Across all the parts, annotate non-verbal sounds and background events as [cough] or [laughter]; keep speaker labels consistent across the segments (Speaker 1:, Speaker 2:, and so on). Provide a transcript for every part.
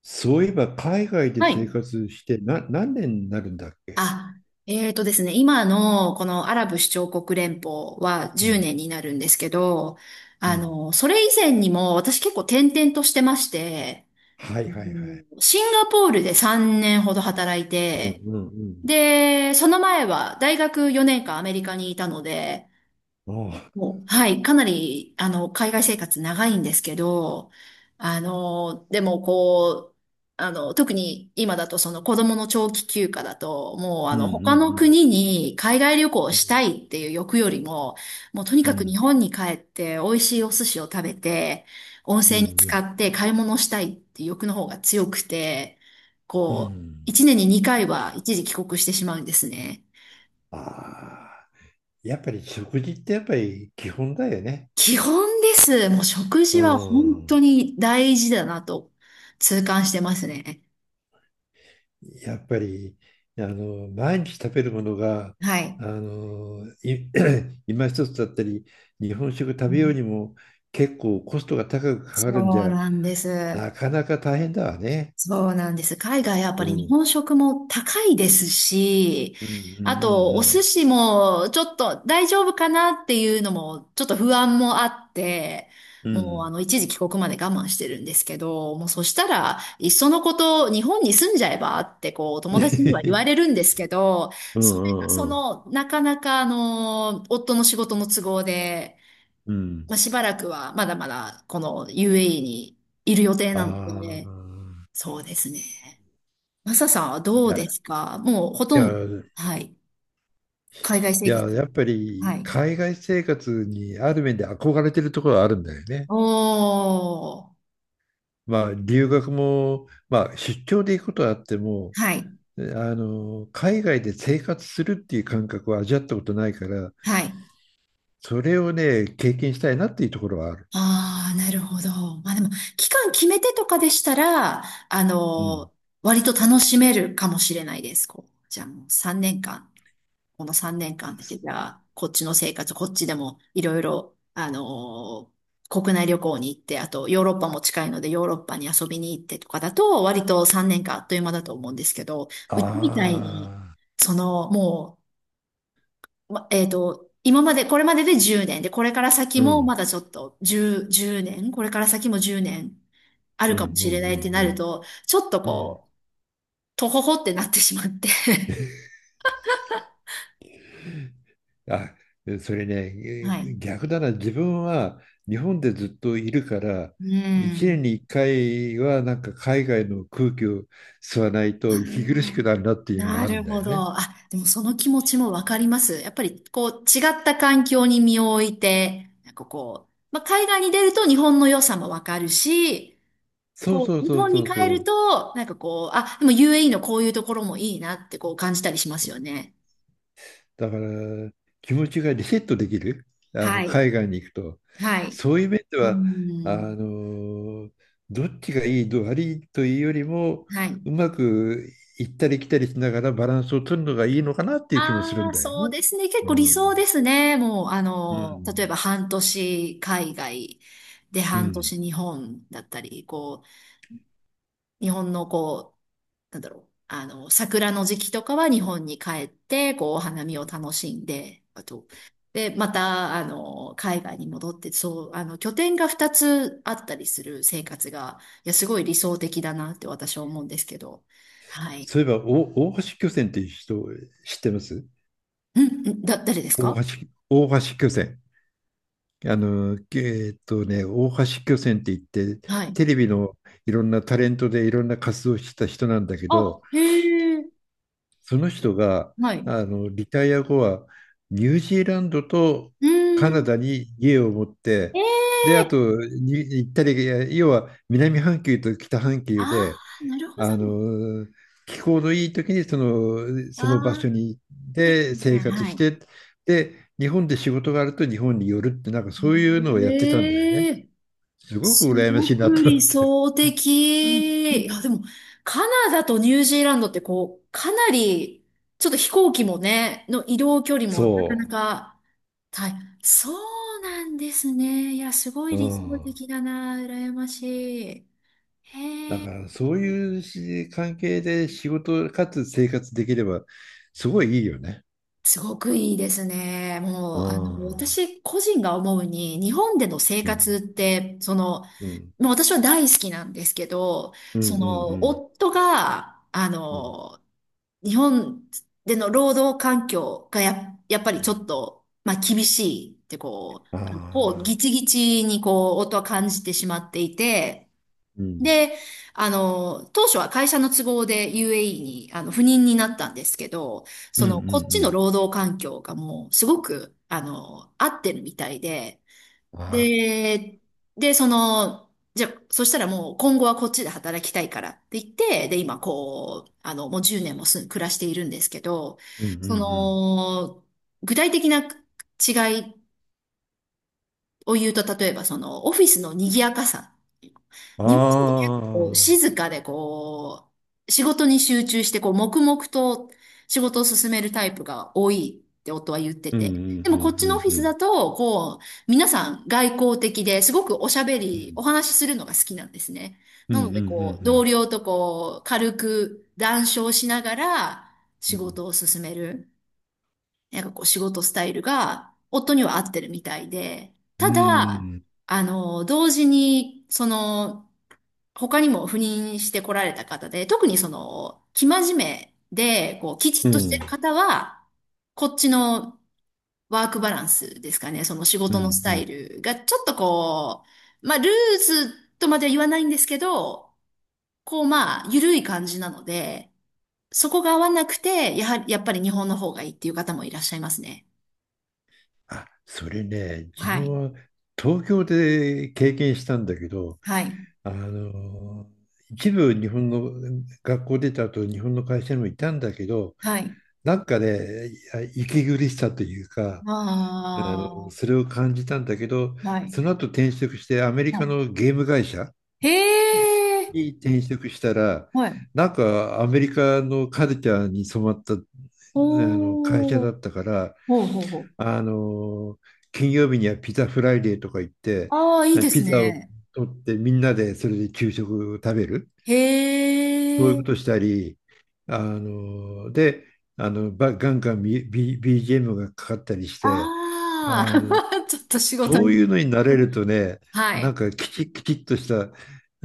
Speaker 1: そういえば海外で
Speaker 2: は
Speaker 1: 生
Speaker 2: い。
Speaker 1: 活してな何年になるんだっけ？
Speaker 2: あ、ですね、今のこのアラブ首長国連邦は
Speaker 1: う
Speaker 2: 10
Speaker 1: ん。
Speaker 2: 年になるんですけど、
Speaker 1: うん。
Speaker 2: それ以前にも私結構転々としてまして、
Speaker 1: はい
Speaker 2: う
Speaker 1: はいは
Speaker 2: ん
Speaker 1: い。
Speaker 2: シンガポールで3年ほど働い
Speaker 1: うん
Speaker 2: て、
Speaker 1: うん
Speaker 2: で、その前は大学4年間アメリカにいたので、
Speaker 1: うん。ああ。
Speaker 2: もう、はい、かなり、海外生活長いんですけど、でもこう、特に今だとその子供の長期休暇だと、もう
Speaker 1: うんう
Speaker 2: 他の
Speaker 1: ん
Speaker 2: 国に海外旅行を
Speaker 1: うん。
Speaker 2: したいっていう欲よりも、もうとに
Speaker 1: う
Speaker 2: かく日
Speaker 1: ん
Speaker 2: 本に帰って美味しいお寿司を食べて、温
Speaker 1: う
Speaker 2: 泉に浸
Speaker 1: んう
Speaker 2: か
Speaker 1: ん
Speaker 2: って買い物したいっていう欲の方が強くて、
Speaker 1: う
Speaker 2: こう、
Speaker 1: ん。
Speaker 2: 一年に2回は一時帰国してしまうんですね。
Speaker 1: ああ。やっぱり食事ってやっぱり基本だよね。
Speaker 2: 基本です。もう食
Speaker 1: う
Speaker 2: 事は本
Speaker 1: ん。
Speaker 2: 当に大事だなと痛感してますね。
Speaker 1: やっぱり毎日食べるものが
Speaker 2: はい。
Speaker 1: あのい [clears throat] 今一つだったり日本食食べようにも結構コストが高くか
Speaker 2: そ
Speaker 1: かる
Speaker 2: う
Speaker 1: んじゃ
Speaker 2: なんです。
Speaker 1: なかなか大変だわね。
Speaker 2: そうなんです。海外やっぱ
Speaker 1: う
Speaker 2: り日
Speaker 1: ん。
Speaker 2: 本食も高いですし、
Speaker 1: うんう
Speaker 2: あとお寿
Speaker 1: ん
Speaker 2: 司もちょっと大丈夫かなっていうのもちょっと不安もあって、
Speaker 1: うんうん。う
Speaker 2: もう
Speaker 1: ん。
Speaker 2: 一時帰国まで我慢してるんですけど、もうそしたらいっそのこと日本に住んじゃえばってこう友達には言
Speaker 1: [laughs]
Speaker 2: われるんですけど、
Speaker 1: うん
Speaker 2: それがそ
Speaker 1: うんうん。
Speaker 2: のなかなか夫の仕事の都合で、
Speaker 1: う
Speaker 2: ま
Speaker 1: ん。
Speaker 2: あ、しばらくはまだまだこの UAE にいる予定
Speaker 1: あ
Speaker 2: なので、
Speaker 1: あ。
Speaker 2: そうですね。マサさんはど
Speaker 1: い
Speaker 2: う
Speaker 1: や、
Speaker 2: で
Speaker 1: い
Speaker 2: すかもうほとんど、
Speaker 1: や、
Speaker 2: はい。海外生
Speaker 1: い
Speaker 2: 活。
Speaker 1: や、やっぱ
Speaker 2: は
Speaker 1: り
Speaker 2: い。
Speaker 1: 海外生活にある面で憧れてるところはあるんだよね。
Speaker 2: おー。
Speaker 1: まあ、留学も、まあ、出張で行くことはあっても、
Speaker 2: はい。
Speaker 1: あ海外で生活するっていう感覚は味わったことないから、
Speaker 2: はい。
Speaker 1: それをね、経験したいなっていうところはある。
Speaker 2: ああ、なるほど。まあでも、期間決めてとかでしたら、あ
Speaker 1: うん。
Speaker 2: の割と楽しめるかもしれないです。こう、じゃあもう3年間。この3年間だけじゃこっちの生活、こっちでもいろいろ、国内旅行に行って、あとヨーロッパも近いのでヨーロッパに遊びに行ってとかだと、割と3年間あっという間だと思うんですけど、
Speaker 1: あ
Speaker 2: うちみたいに、
Speaker 1: あ、
Speaker 2: その、もう、ま、今まで、これまでで10年で、これから先
Speaker 1: う
Speaker 2: も
Speaker 1: ん。
Speaker 2: まだちょっと10、年、これから先も10年ある
Speaker 1: うんう
Speaker 2: かもしれないって
Speaker 1: んう
Speaker 2: なる
Speaker 1: ん
Speaker 2: と、ちょっと
Speaker 1: うん、うん
Speaker 2: こう、とほほってなってしまって [laughs]
Speaker 1: あ、それね、
Speaker 2: はい。
Speaker 1: 逆だな、自分は日本でずっといるから、
Speaker 2: う
Speaker 1: 1
Speaker 2: ん。
Speaker 1: 年に1回はなんか海外の空気を吸わない
Speaker 2: あ
Speaker 1: と息苦しく
Speaker 2: ー
Speaker 1: なるなっていうの
Speaker 2: な
Speaker 1: がある
Speaker 2: る
Speaker 1: んだ
Speaker 2: ほ
Speaker 1: よ
Speaker 2: ど。
Speaker 1: ね。
Speaker 2: あ、でもその気持ちもわかります。やっぱりこう違った環境に身を置いて、なんかこう、まあ、海外に出ると日本の良さもわかるし、
Speaker 1: そう
Speaker 2: こ
Speaker 1: そう
Speaker 2: う、日
Speaker 1: そう
Speaker 2: 本に
Speaker 1: そう
Speaker 2: 帰
Speaker 1: そ
Speaker 2: る
Speaker 1: う。
Speaker 2: と、なんかこう、あ、でも UAE のこういうところもいいなってこう感じたりしますよね。
Speaker 1: だから気持ちがリセットできる、
Speaker 2: はい。
Speaker 1: 海外に行くと。
Speaker 2: はい。
Speaker 1: そういう面で
Speaker 2: うー
Speaker 1: は、あ
Speaker 2: ん。
Speaker 1: のどっちがいい、どう悪いというよりも、
Speaker 2: はい。
Speaker 1: うまく行ったり来たりしながらバランスを取るのがいいのかなっていう気もする
Speaker 2: あ
Speaker 1: ん
Speaker 2: あ、
Speaker 1: だよ
Speaker 2: そう
Speaker 1: ね。
Speaker 2: ですね。結
Speaker 1: う
Speaker 2: 構理想で
Speaker 1: ん。
Speaker 2: すね。もう、
Speaker 1: う
Speaker 2: 例え
Speaker 1: ん。
Speaker 2: ば半年海外で
Speaker 1: う
Speaker 2: 半年
Speaker 1: ん。
Speaker 2: 日本だったり、こう、日本のこう、なんだろう、桜の時期とかは日本に帰って、こう、お花見を楽しんで、あと、で、また、海外に戻って、そう、拠点が2つあったりする生活が、いや、すごい理想的だなって私は思うんですけど、はい。
Speaker 1: そういえば、お大橋巨船っていう人知ってます？
Speaker 2: うん、うんだ、誰ですか
Speaker 1: 大橋巨船。大橋巨泉って言って、
Speaker 2: はい。
Speaker 1: テレビのいろんなタレントでいろんな活動をしてた人なんだけ
Speaker 2: あ、
Speaker 1: ど、
Speaker 2: へえ、
Speaker 1: その人が
Speaker 2: はい。
Speaker 1: リタイア後はニュージーランドと
Speaker 2: う
Speaker 1: カナ
Speaker 2: ん、
Speaker 1: ダに家を持って、
Speaker 2: え
Speaker 1: で、あ
Speaker 2: え
Speaker 1: とに行ったり、いや要は南半球と北半球
Speaker 2: あ
Speaker 1: で、
Speaker 2: あー、なるほ
Speaker 1: あ
Speaker 2: ど。
Speaker 1: の、気候のいい時にそ
Speaker 2: あ
Speaker 1: の場
Speaker 2: あ、
Speaker 1: 所に
Speaker 2: です
Speaker 1: で生
Speaker 2: ね。
Speaker 1: 活
Speaker 2: は
Speaker 1: し
Speaker 2: い。
Speaker 1: て、で、日本で仕事があると日本に寄るって、なんかそういうのをやってたんだよ
Speaker 2: へ
Speaker 1: ね。
Speaker 2: え
Speaker 1: すごく
Speaker 2: す
Speaker 1: 羨まし
Speaker 2: ご
Speaker 1: いなっ
Speaker 2: く
Speaker 1: た
Speaker 2: 理
Speaker 1: って、
Speaker 2: 想的。いや、でも、カナダとニュージーランドってこう、かなり、ちょっと飛行機もね、の移動距離もなかな
Speaker 1: そ
Speaker 2: か大変、そうなんですね。いや、すごい
Speaker 1: う、う
Speaker 2: 理想
Speaker 1: ん、
Speaker 2: 的だな。羨ましい。
Speaker 1: だ
Speaker 2: へえ。
Speaker 1: からそういうし関係で仕事かつ生活できればすごいいいよね、
Speaker 2: すごくいいですね。も
Speaker 1: う
Speaker 2: う、
Speaker 1: ん、うん、
Speaker 2: 私個人が思うに、日本での生
Speaker 1: うん、
Speaker 2: 活って、その、
Speaker 1: うん
Speaker 2: もう私は大好きなんですけど、
Speaker 1: う
Speaker 2: その、
Speaker 1: ん
Speaker 2: 夫が、
Speaker 1: うん、うん、
Speaker 2: 日本での労働環境がやっぱりちょっと、まあ、厳しいってこう、こう
Speaker 1: ああ
Speaker 2: ギチギチにこう、音は感じてしまっていて、
Speaker 1: ー、うん、
Speaker 2: で、当初は会社の都合で UAE に赴任になったんですけど、
Speaker 1: うん
Speaker 2: そ
Speaker 1: う
Speaker 2: の、こっちの
Speaker 1: ん
Speaker 2: 労働環境がもう、すごく、合ってるみたいで、
Speaker 1: うん、ああ、
Speaker 2: で、その、じゃあ、そしたらもう今後はこっちで働きたいからって言って、で、今こう、もう10年も暮らしているんですけど、
Speaker 1: うんう
Speaker 2: そ
Speaker 1: ん
Speaker 2: の、具体的な違いを言うと、例えばそのオフィスの賑やかさ。
Speaker 1: う
Speaker 2: 日本人って結構こう
Speaker 1: ん、ああ、
Speaker 2: 静かでこう、仕事に集中してこう黙々と仕事を進めるタイプが多いって夫は言って
Speaker 1: うんう
Speaker 2: て。でもこっ
Speaker 1: んうん
Speaker 2: ち
Speaker 1: う
Speaker 2: のオフィ
Speaker 1: んう
Speaker 2: スだ
Speaker 1: ん、
Speaker 2: と、こう、皆さん外交的ですごくおしゃべ
Speaker 1: う
Speaker 2: り、お
Speaker 1: ん
Speaker 2: 話しするのが好きなんですね。
Speaker 1: う
Speaker 2: なの
Speaker 1: んう
Speaker 2: でこう、同
Speaker 1: ん
Speaker 2: 僚とこう、軽く談笑しながら仕事を進める。なんかこう仕事スタイルが夫には合ってるみたいで、
Speaker 1: うん、
Speaker 2: た
Speaker 1: うんう
Speaker 2: だ、
Speaker 1: ん
Speaker 2: 同時に、その、他にも赴任してこられた方で、特にその、生真面目で、こう、きち
Speaker 1: う
Speaker 2: っ
Speaker 1: んう
Speaker 2: と
Speaker 1: ん、
Speaker 2: し
Speaker 1: う
Speaker 2: て
Speaker 1: ん
Speaker 2: る方は、こっちのワークバランスですかね、その仕
Speaker 1: う
Speaker 2: 事のス
Speaker 1: んう
Speaker 2: タイ
Speaker 1: ん
Speaker 2: ルが、ちょっとこう、まあ、ルーズとまでは言わないんですけど、こう、まあ、緩い感じなので、そこが合わなくて、やはり、やっぱり日本の方がいいっていう方もいらっしゃいますね。
Speaker 1: あ、それね、自
Speaker 2: はい。
Speaker 1: 分は東京で経験したんだけど、
Speaker 2: はい。
Speaker 1: あの、一部日本の学校出た後、日本の会社にもいたんだけど、
Speaker 2: はい。
Speaker 1: なんかね、息苦しさというか、そ
Speaker 2: あ
Speaker 1: れを感じたんだけど、
Speaker 2: あ、はい。
Speaker 1: その後転職してアメリ
Speaker 2: は
Speaker 1: カのゲーム会社
Speaker 2: い。へえ、
Speaker 1: に転職したら、
Speaker 2: はい。
Speaker 1: なんかアメリカのカルチャーに染まったあの会社
Speaker 2: お
Speaker 1: だ
Speaker 2: ー、
Speaker 1: ったから、
Speaker 2: ほうほうほう。
Speaker 1: あの、金曜日にはピザフライデーとか言って、
Speaker 2: ああ、いいです
Speaker 1: ピザを
Speaker 2: ね。
Speaker 1: 取ってみんなでそれで給食を食べる、
Speaker 2: へ
Speaker 1: そういうこと
Speaker 2: え、
Speaker 1: したり、で、ガンガン、BGM がかかったりして、あ
Speaker 2: あ
Speaker 1: の、
Speaker 2: あ、[laughs] ちょっと仕事
Speaker 1: そう
Speaker 2: に。
Speaker 1: いうのに慣れるとね、
Speaker 2: [laughs] は
Speaker 1: な
Speaker 2: い。
Speaker 1: んかきちっきちっとした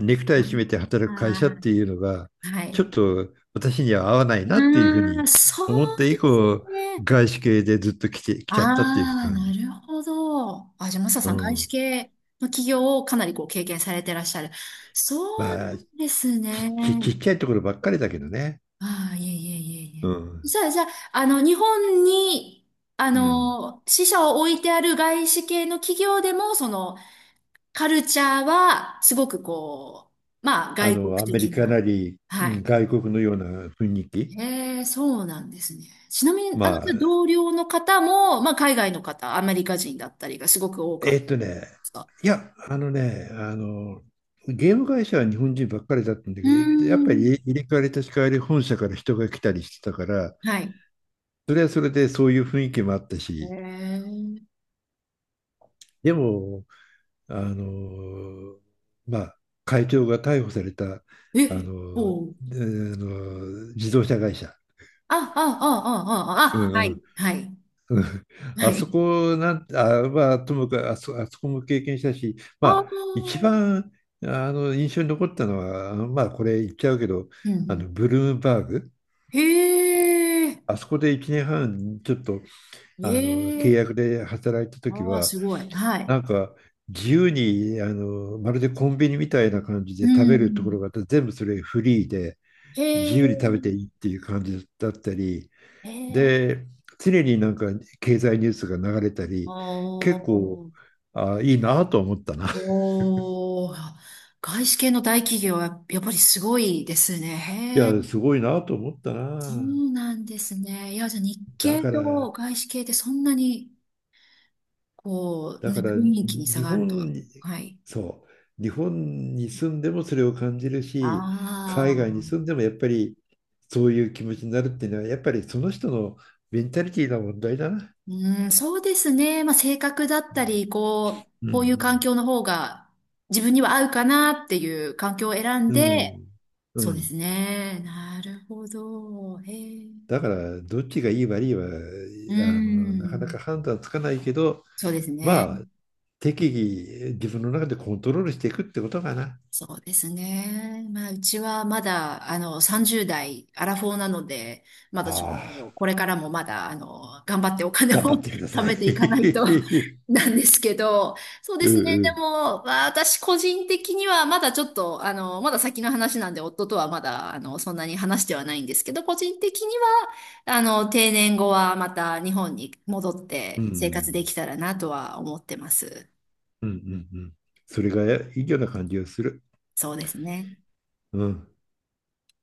Speaker 1: ネクタイ締めて働く会社っ
Speaker 2: あ
Speaker 1: ていうのが、
Speaker 2: ー、は
Speaker 1: ちょ
Speaker 2: い。
Speaker 1: っと私には合わないなっていうふう
Speaker 2: うーん、
Speaker 1: に
Speaker 2: そ
Speaker 1: 思っ
Speaker 2: う
Speaker 1: て
Speaker 2: で
Speaker 1: 以
Speaker 2: す
Speaker 1: 降、
Speaker 2: ね。
Speaker 1: 外資系でずっと来て、来ちゃったっていう
Speaker 2: ああ、
Speaker 1: 感
Speaker 2: な
Speaker 1: じ。
Speaker 2: るほど。あ、じゃあ、マサ
Speaker 1: う
Speaker 2: さん、外資
Speaker 1: ん
Speaker 2: 系の企業をかなりこう経験されてらっしゃる。そう
Speaker 1: ま
Speaker 2: な
Speaker 1: あ、
Speaker 2: んですね。
Speaker 1: ちちっちゃいところばっかりだけどね。
Speaker 2: ああ、いえいえいえ
Speaker 1: う
Speaker 2: いえ。
Speaker 1: ん。
Speaker 2: じゃあ、日本に、
Speaker 1: うん。
Speaker 2: 支社を置いてある外資系の企業でも、その、カルチャーは、すごくこう、まあ、外国
Speaker 1: アメリ
Speaker 2: 的
Speaker 1: カ
Speaker 2: な。
Speaker 1: なり、う
Speaker 2: は
Speaker 1: ん
Speaker 2: い。
Speaker 1: 外国のような雰囲気。
Speaker 2: へえ、そうなんですね。ちなみに、
Speaker 1: ま
Speaker 2: じゃあ
Speaker 1: あ、
Speaker 2: 同僚の方も、まあ、海外の方、アメリカ人だったりがすごく多かっ
Speaker 1: え
Speaker 2: た
Speaker 1: ー
Speaker 2: で
Speaker 1: っとね、
Speaker 2: すか
Speaker 1: いや、ゲーム会社は日本人ばっかりだったんだ
Speaker 2: うー
Speaker 1: けど、やっぱり
Speaker 2: ん。
Speaker 1: 入れ替わり立ち替わり本社から人が来たりしてたから、
Speaker 2: はい。
Speaker 1: それはそれでそういう雰囲気もあったし、
Speaker 2: へ
Speaker 1: でも、あの、まあ、会長が逮捕された、
Speaker 2: え。
Speaker 1: あ
Speaker 2: え、
Speaker 1: の、
Speaker 2: おう。
Speaker 1: 自動車会社、
Speaker 2: あ、あ、あ、あ、
Speaker 1: う
Speaker 2: あ、あ、あは
Speaker 1: んう
Speaker 2: い。
Speaker 1: ん
Speaker 2: はい。
Speaker 1: [laughs]
Speaker 2: は
Speaker 1: あそ
Speaker 2: い。
Speaker 1: こなん、あ、まあ、ともかくあそこも経験したし、
Speaker 2: あ
Speaker 1: まあ、一
Speaker 2: あ。
Speaker 1: 番印象に残ったのは、まあ、これ言っちゃうけど、
Speaker 2: うんうん。
Speaker 1: ブルームバーグ、
Speaker 2: へえ、
Speaker 1: あそこで1年半、ちょっと
Speaker 2: え
Speaker 1: 契
Speaker 2: え、
Speaker 1: 約で働いた時
Speaker 2: ああ、
Speaker 1: は、
Speaker 2: すごい。は
Speaker 1: な
Speaker 2: い。
Speaker 1: んか自由にまるでコンビニみたいな感じ
Speaker 2: う
Speaker 1: で食
Speaker 2: んう
Speaker 1: べるとこ
Speaker 2: ん。
Speaker 1: ろがあって、全部それフリーで、自
Speaker 2: へ
Speaker 1: 由に食べて
Speaker 2: え、
Speaker 1: いいっていう感じだったり、
Speaker 2: へえ、
Speaker 1: で、常になんか経済ニュースが流れた
Speaker 2: あ
Speaker 1: り、結構、
Speaker 2: あ、
Speaker 1: あ、いいなと思ったな。[laughs]
Speaker 2: おー、外資系の大企業はやっぱりすごいですね。
Speaker 1: い
Speaker 2: へえ、
Speaker 1: や、すごいなと思った
Speaker 2: そ
Speaker 1: な。
Speaker 2: うなんですね。いや、じゃあ日
Speaker 1: だ
Speaker 2: 系
Speaker 1: から、
Speaker 2: と外資系ってそんなに、こう、
Speaker 1: だ
Speaker 2: ね、
Speaker 1: から
Speaker 2: 雰囲気に差
Speaker 1: 日
Speaker 2: があるとは。
Speaker 1: 本に、
Speaker 2: はい。
Speaker 1: そう、日本に住んでもそれを感じるし、
Speaker 2: あ
Speaker 1: 海外に住ん
Speaker 2: あ。
Speaker 1: でもやっぱりそういう気持ちになるっていうのは、やっぱりその人のメンタリティの問題だな。
Speaker 2: うん、そうですね。まあ、性格だったり、こう、
Speaker 1: う
Speaker 2: こういう環
Speaker 1: ん、
Speaker 2: 境の方が自分には合うかなっていう環境を選ん
Speaker 1: う
Speaker 2: で、
Speaker 1: ん、うん、う
Speaker 2: そうです
Speaker 1: ん。
Speaker 2: ね。なるほど。へえ。
Speaker 1: だから、どっちがいい悪いは、
Speaker 2: う
Speaker 1: なかなか
Speaker 2: ん。
Speaker 1: 判断つかないけど、
Speaker 2: そうですね。
Speaker 1: は適宜自分の中でコントロールしていくってことかな。
Speaker 2: そうですね。まあ、うちはまだ、30代、アラフォーなので、まだちょっ
Speaker 1: ああ、
Speaker 2: と、これからもまだ、頑張ってお金を
Speaker 1: 頑張ってくだ
Speaker 2: [laughs]
Speaker 1: さ
Speaker 2: 貯めていかないと
Speaker 1: い。
Speaker 2: [laughs] なんですけど、そう
Speaker 1: [laughs]
Speaker 2: で
Speaker 1: う
Speaker 2: すね。
Speaker 1: んう
Speaker 2: で
Speaker 1: ん。
Speaker 2: も、まあ私個人的には、まだちょっと、まだ先の話なんで、夫とはまだ、そんなに話してはないんですけど、個人的には、定年後はまた日本に戻っ
Speaker 1: う
Speaker 2: て生活
Speaker 1: ん
Speaker 2: できたらなとは思ってます。
Speaker 1: うんうんうん。それがいいような感じがする。
Speaker 2: そうですね。
Speaker 1: うん。